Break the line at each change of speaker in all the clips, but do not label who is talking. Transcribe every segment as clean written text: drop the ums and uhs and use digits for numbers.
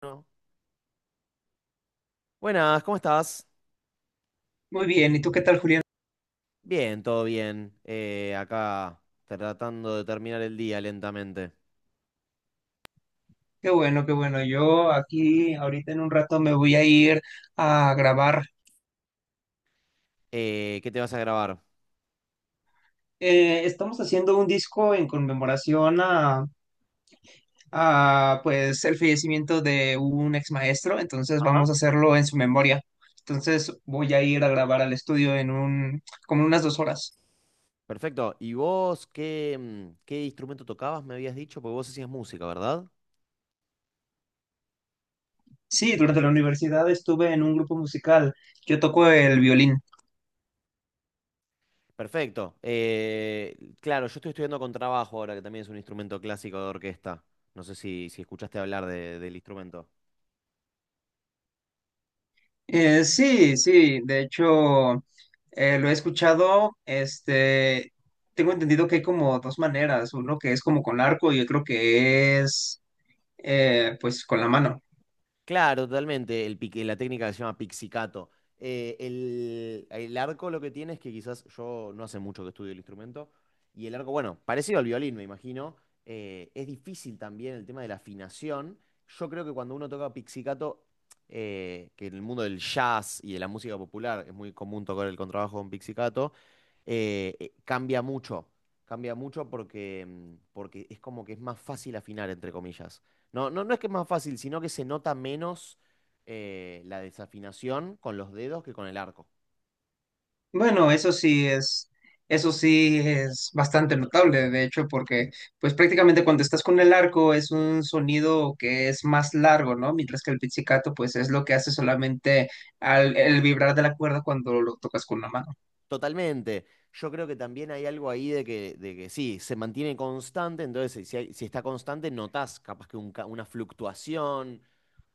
Bueno, Buenas, ¿cómo estás?
Muy bien, ¿y tú qué tal, Julián?
Bien, todo bien. Acá tratando de terminar el día lentamente.
Qué bueno, qué bueno. Yo aquí ahorita en un rato me voy a ir a grabar.
¿Qué te vas a grabar?
Estamos haciendo un disco en conmemoración a pues el fallecimiento de un ex maestro, entonces
Ajá.
vamos a hacerlo en su memoria. Entonces voy a ir a grabar al estudio en un, como unas 2 horas.
Perfecto. ¿Y vos qué instrumento tocabas? Me habías dicho, porque vos hacías música, ¿verdad?
Sí, durante la universidad estuve en un grupo musical. Yo toco el violín.
Perfecto. Claro, yo estoy estudiando contrabajo ahora, que también es un instrumento clásico de orquesta. No sé si escuchaste hablar del instrumento.
Sí, sí, de hecho lo he escuchado, este, tengo entendido que hay como dos maneras, uno que es como con arco y otro que es pues con la mano.
Claro, totalmente. El pique, la técnica que se llama pixicato. El arco lo que tiene es que quizás yo no hace mucho que estudio el instrumento. Y el arco, bueno, parecido al violín, me imagino. Es difícil también el tema de la afinación. Yo creo que cuando uno toca pixicato, que en el mundo del jazz y de la música popular es muy común tocar el contrabajo con pixicato, cambia mucho. Cambia mucho porque es como que es más fácil afinar, entre comillas. No, no, no es que es más fácil, sino que se nota menos la desafinación con los dedos que con el arco.
Bueno, eso sí es bastante notable, de hecho, porque pues prácticamente cuando estás con el arco es un sonido que es más largo, ¿no? Mientras que el pizzicato pues es lo que hace solamente al, el vibrar de la cuerda cuando lo tocas con la mano.
Totalmente. Yo creo que también hay algo ahí de que sí, se mantiene constante, entonces si está constante, notás capaz que una fluctuación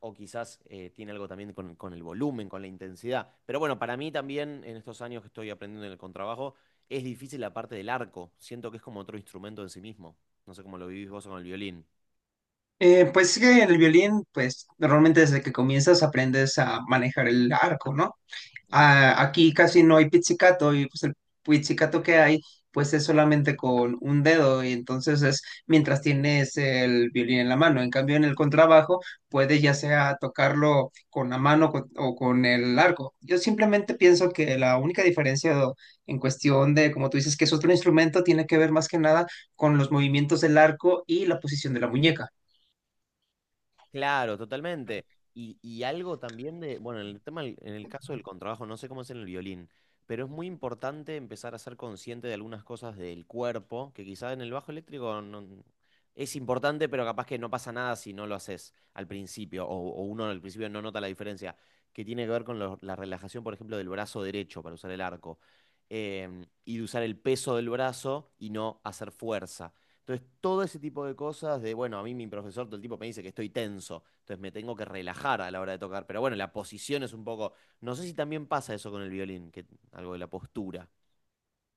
o quizás tiene algo también con el volumen, con la intensidad. Pero bueno, para mí también en estos años que estoy aprendiendo en el contrabajo, es difícil la parte del arco. Siento que es como otro instrumento en sí mismo. No sé cómo lo vivís vos con el violín.
Pues sí que el violín, pues normalmente desde que comienzas aprendes a manejar el arco, ¿no? Ah, aquí casi no hay pizzicato y pues el pizzicato que hay, pues es solamente con un dedo y entonces es mientras tienes el violín en la mano. En cambio, en el contrabajo puedes ya sea tocarlo con la mano o con el arco. Yo simplemente pienso que la única diferencia en cuestión de, como tú dices, que es otro instrumento, tiene que ver más que nada con los movimientos del arco y la posición de la muñeca.
Claro, totalmente. Y algo también de, bueno, en el tema, en el caso del contrabajo, no sé cómo es en el violín, pero es muy importante empezar a ser consciente de algunas cosas del cuerpo, que quizás en el bajo eléctrico es importante, pero capaz que no pasa nada si no lo haces al principio, o uno al principio no nota la diferencia, que tiene que ver con la relajación, por ejemplo, del brazo derecho para usar el arco, y de usar el peso del brazo y no hacer fuerza. Entonces, todo ese tipo de cosas de, bueno, a mí mi profesor todo el tiempo me dice que estoy tenso, entonces me tengo que relajar a la hora de tocar, pero bueno, la posición es un poco, no sé si también pasa eso con el violín, que algo de la postura.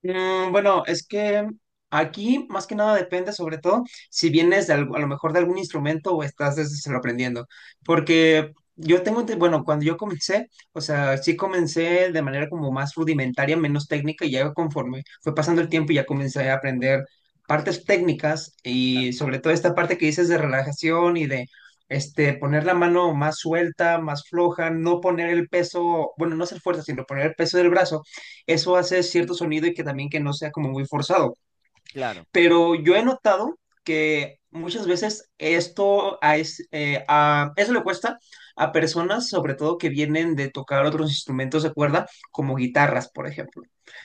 Bueno, es que aquí más que nada depende sobre todo si vienes de a lo mejor de algún instrumento o estás desde cero aprendiendo. Porque yo tengo, bueno, cuando yo comencé, o sea, sí comencé de manera como más rudimentaria, menos técnica y ya conforme fue pasando el tiempo ya comencé a aprender partes técnicas y sobre todo esta parte que dices de relajación y de... Este, poner la mano más suelta, más floja, no poner el peso, bueno, no hacer fuerza, sino poner el peso del brazo eso hace cierto sonido y que también que no sea como muy forzado.
Claro.
Pero yo he notado que muchas veces esto a, es- a- eso le cuesta a personas, sobre todo que vienen de tocar otros instrumentos de cuerda, como guitarras, por ejemplo.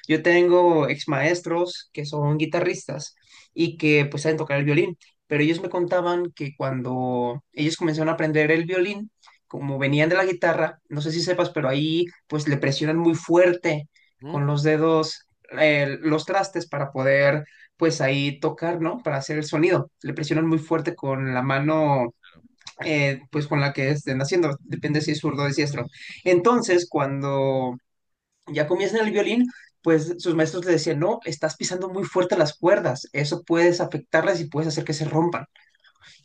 Yo tengo ex maestros que son guitarristas y que pues saben tocar el violín, pero ellos me contaban que cuando ellos comenzaron a aprender el violín, como venían de la guitarra, no sé si sepas, pero ahí pues le presionan muy fuerte
¿Mm?
con los dedos los trastes para poder pues ahí tocar, ¿no? Para hacer el sonido. Le presionan muy fuerte con la mano, pues con la que estén haciendo, depende si es zurdo o diestro. Entonces, cuando ya comienzan el violín, pues sus maestros le decían, no, estás pisando muy fuerte las cuerdas, eso puedes afectarlas y puedes hacer que se rompan.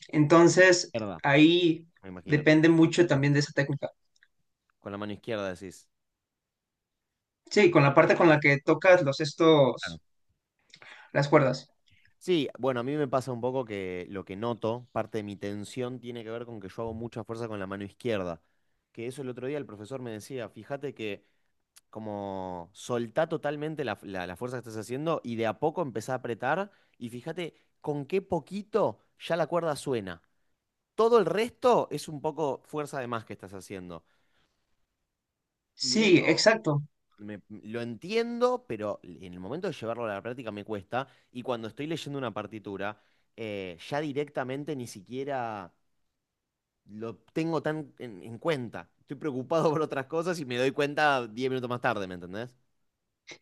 Entonces,
Verdad.
ahí
Me imagino.
depende mucho también de esa técnica.
Con la mano izquierda decís.
Sí, con la parte con la que tocas los
Claro.
estos, las cuerdas.
Sí, bueno, a mí me pasa un poco que lo que noto, parte de mi tensión tiene que ver con que yo hago mucha fuerza con la mano izquierda. Que eso el otro día el profesor me decía, fíjate que como soltá totalmente la fuerza que estás haciendo y de a poco empezá a apretar y fíjate con qué poquito ya la cuerda suena. Todo el resto es un poco fuerza de más que estás haciendo. Y
Sí,
eso
exacto.
lo entiendo, pero en el momento de llevarlo a la práctica me cuesta. Y cuando estoy leyendo una partitura, ya directamente ni siquiera lo tengo tan en cuenta. Estoy preocupado por otras cosas y me doy cuenta 10 minutos más tarde, ¿me entendés?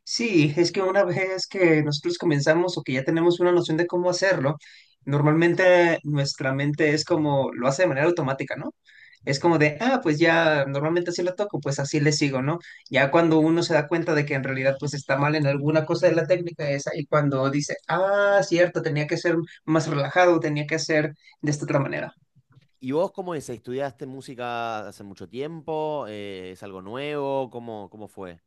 Sí, es que una vez que nosotros comenzamos o que ya tenemos una noción de cómo hacerlo, normalmente nuestra mente es como lo hace de manera automática, ¿no? Es como de, ah, pues ya normalmente así lo toco, pues así le sigo, ¿no? Ya cuando uno se da cuenta de que en realidad pues está mal en alguna cosa de la técnica esa y cuando dice, ah, cierto, tenía que ser más relajado, tenía que ser de esta otra manera.
¿Y vos cómo es? ¿Estudiaste música hace mucho tiempo? ¿Es algo nuevo? ¿Cómo fue?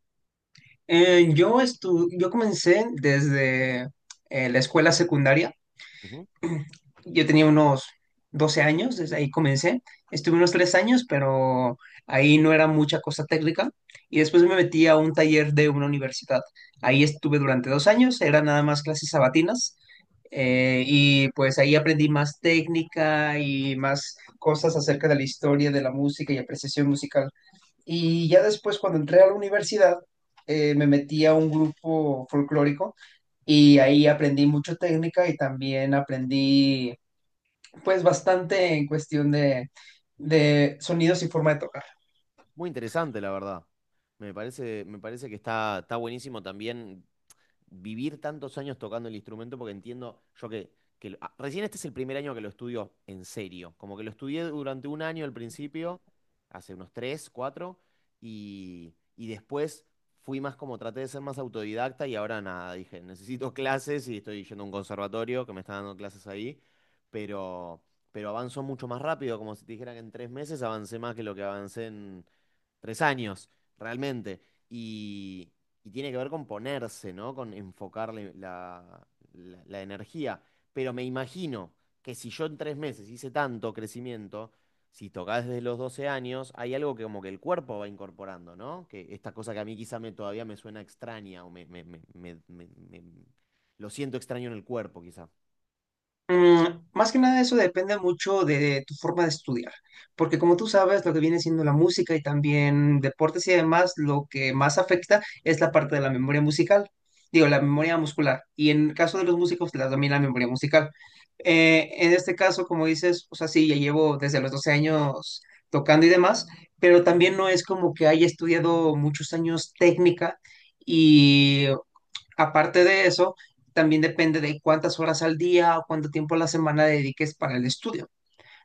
Yo comencé desde la escuela secundaria. Yo tenía unos 12 años, desde ahí comencé. Estuve unos 3 años, pero ahí no era mucha cosa técnica. Y después me metí a un taller de una universidad. Ahí estuve durante 2 años, eran nada más clases sabatinas. Y pues ahí aprendí más técnica y más cosas acerca de la historia de la música y apreciación musical. Y ya después, cuando entré a la universidad, me metí a un grupo folclórico y ahí aprendí mucho técnica y también aprendí pues bastante en cuestión de sonidos y forma de tocar.
Muy interesante, la verdad. Me parece que está buenísimo también vivir tantos años tocando el instrumento, porque entiendo yo que recién este es el primer año que lo estudio en serio. Como que lo estudié durante un año al principio, hace unos tres, cuatro, y después fui más como traté de ser más autodidacta y ahora nada, dije, necesito clases y estoy yendo a un conservatorio que me está dando clases ahí, pero, pero avanzó mucho más rápido, como si te dijera que en 3 meses avancé más que lo que avancé 3 años, realmente. Y, y tiene que ver con ponerse, ¿no? Con enfocarle la energía. Pero me imagino que si yo en 3 meses hice tanto crecimiento, si tocás desde los 12 años, hay algo que como que el cuerpo va incorporando, ¿no? Que esta cosa que a mí quizá todavía me suena extraña o me- me- me- me- me- lo siento extraño en el cuerpo, quizá.
Más que nada eso depende mucho de tu forma de estudiar, porque como tú sabes, lo que viene siendo la música y también deportes y demás, lo que más afecta es la parte de la memoria musical, digo, la memoria muscular, y en el caso de los músicos, la- también la memoria musical. En este caso, como dices, o sea, sí, ya llevo desde los 12 años tocando y demás, pero también no es como que haya estudiado muchos años técnica. y Aparte de eso, también depende de cuántas horas al día o cuánto tiempo a la semana dediques para el estudio.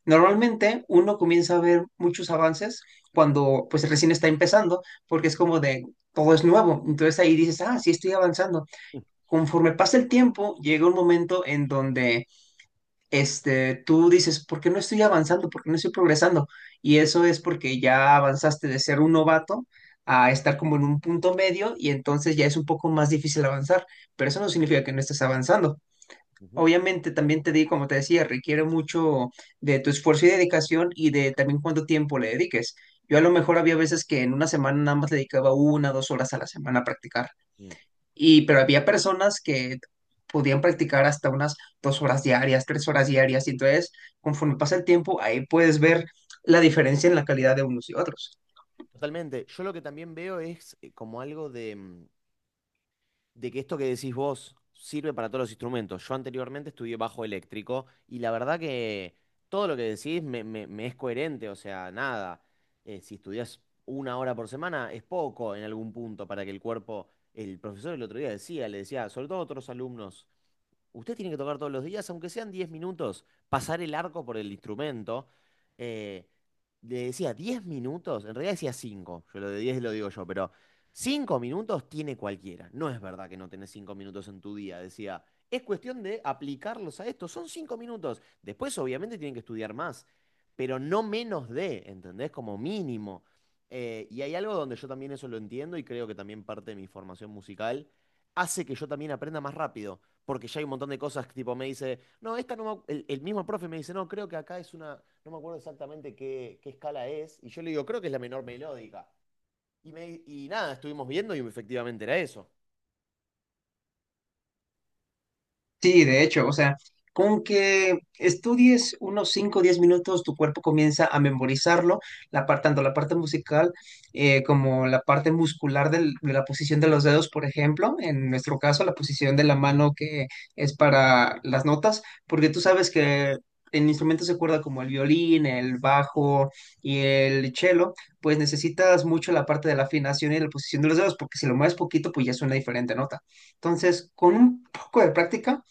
Normalmente uno comienza a ver muchos avances cuando pues recién está empezando, porque es como de todo es nuevo. Entonces ahí dices, ah, sí estoy avanzando. Conforme pasa el tiempo, llega un momento en donde este, tú dices, ¿por qué no estoy avanzando? ¿Por qué no estoy progresando? Y eso es porque ya avanzaste de ser un novato a estar como en un punto medio y entonces ya es un poco más difícil avanzar, pero eso no significa que no estés avanzando.
Ujú.
Obviamente también te di, como te decía, requiere mucho de tu esfuerzo y dedicación y de también cuánto tiempo le dediques. Yo a lo mejor había veces que en una semana nada más le dedicaba una, 2 horas a la semana a practicar.
Mm.
Y, pero había personas que podían practicar hasta unas 2 horas diarias, 3 horas diarias. Y entonces, conforme pasa el tiempo, ahí puedes ver la diferencia en la calidad de unos y otros.
Totalmente. Yo lo que también veo es como algo de que esto que decís vos sirve para todos los instrumentos. Yo anteriormente estudié bajo eléctrico y la verdad que todo lo que decís me es coherente, o sea, nada. Si estudias una hora por semana es poco en algún punto para que el cuerpo, el profesor el otro día le decía, sobre todo a otros alumnos, usted tiene que tocar todos los días, aunque sean 10 minutos, pasar el arco por el instrumento. Eh, Le decía 10 minutos, en realidad decía 5. Yo lo de 10 lo digo yo, pero 5 minutos tiene cualquiera. No es verdad que no tenés 5 minutos en tu día, decía. Es cuestión de aplicarlos a esto, son 5 minutos. Después obviamente tienen que estudiar más, pero no menos de, ¿entendés? Como mínimo. Y hay algo donde yo también eso lo entiendo y creo que también parte de mi formación musical hace que yo también aprenda más rápido porque ya hay un montón de cosas que tipo me dice, no, esta no me, ac-". El mismo profe me dice, no, creo que acá es una, no me acuerdo exactamente qué escala es, y yo le digo, creo que es la menor melódica. Y nada, estuvimos viendo y efectivamente era eso.
Sí, de hecho, o sea, con que estudies unos 5, o 10 minutos, tu cuerpo comienza a memorizarlo, la par- tanto la parte musical como la parte muscular del- de la posición de los dedos, por ejemplo, en nuestro caso, la posición de la mano que es para las notas, porque tú sabes que en instrumentos de cuerda como el violín, el bajo y el cello, pues necesitas mucho la parte de la afinación y la posición de los dedos, porque si lo mueves poquito, pues ya suena diferente nota. Entonces, con un poco de práctica,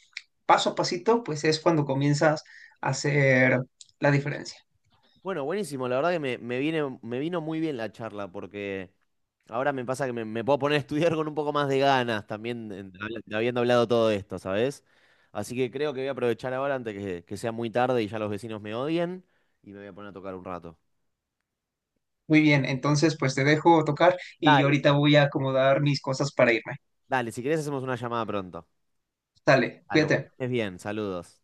paso a pasito, pues es cuando comienzas a hacer la diferencia.
Bueno, buenísimo, la verdad que me vino muy bien la charla, porque ahora me pasa que me puedo poner a estudiar con un poco más de ganas también, habiendo hablado todo esto, ¿sabes? Así que creo que voy a aprovechar ahora antes que sea muy tarde y ya los vecinos me odien, y me voy a poner a tocar un rato.
Muy bien, entonces pues te dejo tocar y yo
Dale,
ahorita voy a acomodar mis cosas para irme.
dale, si querés hacemos una llamada pronto.
Dale,
Dale, bueno,
cuídate.
que estés bien, saludos.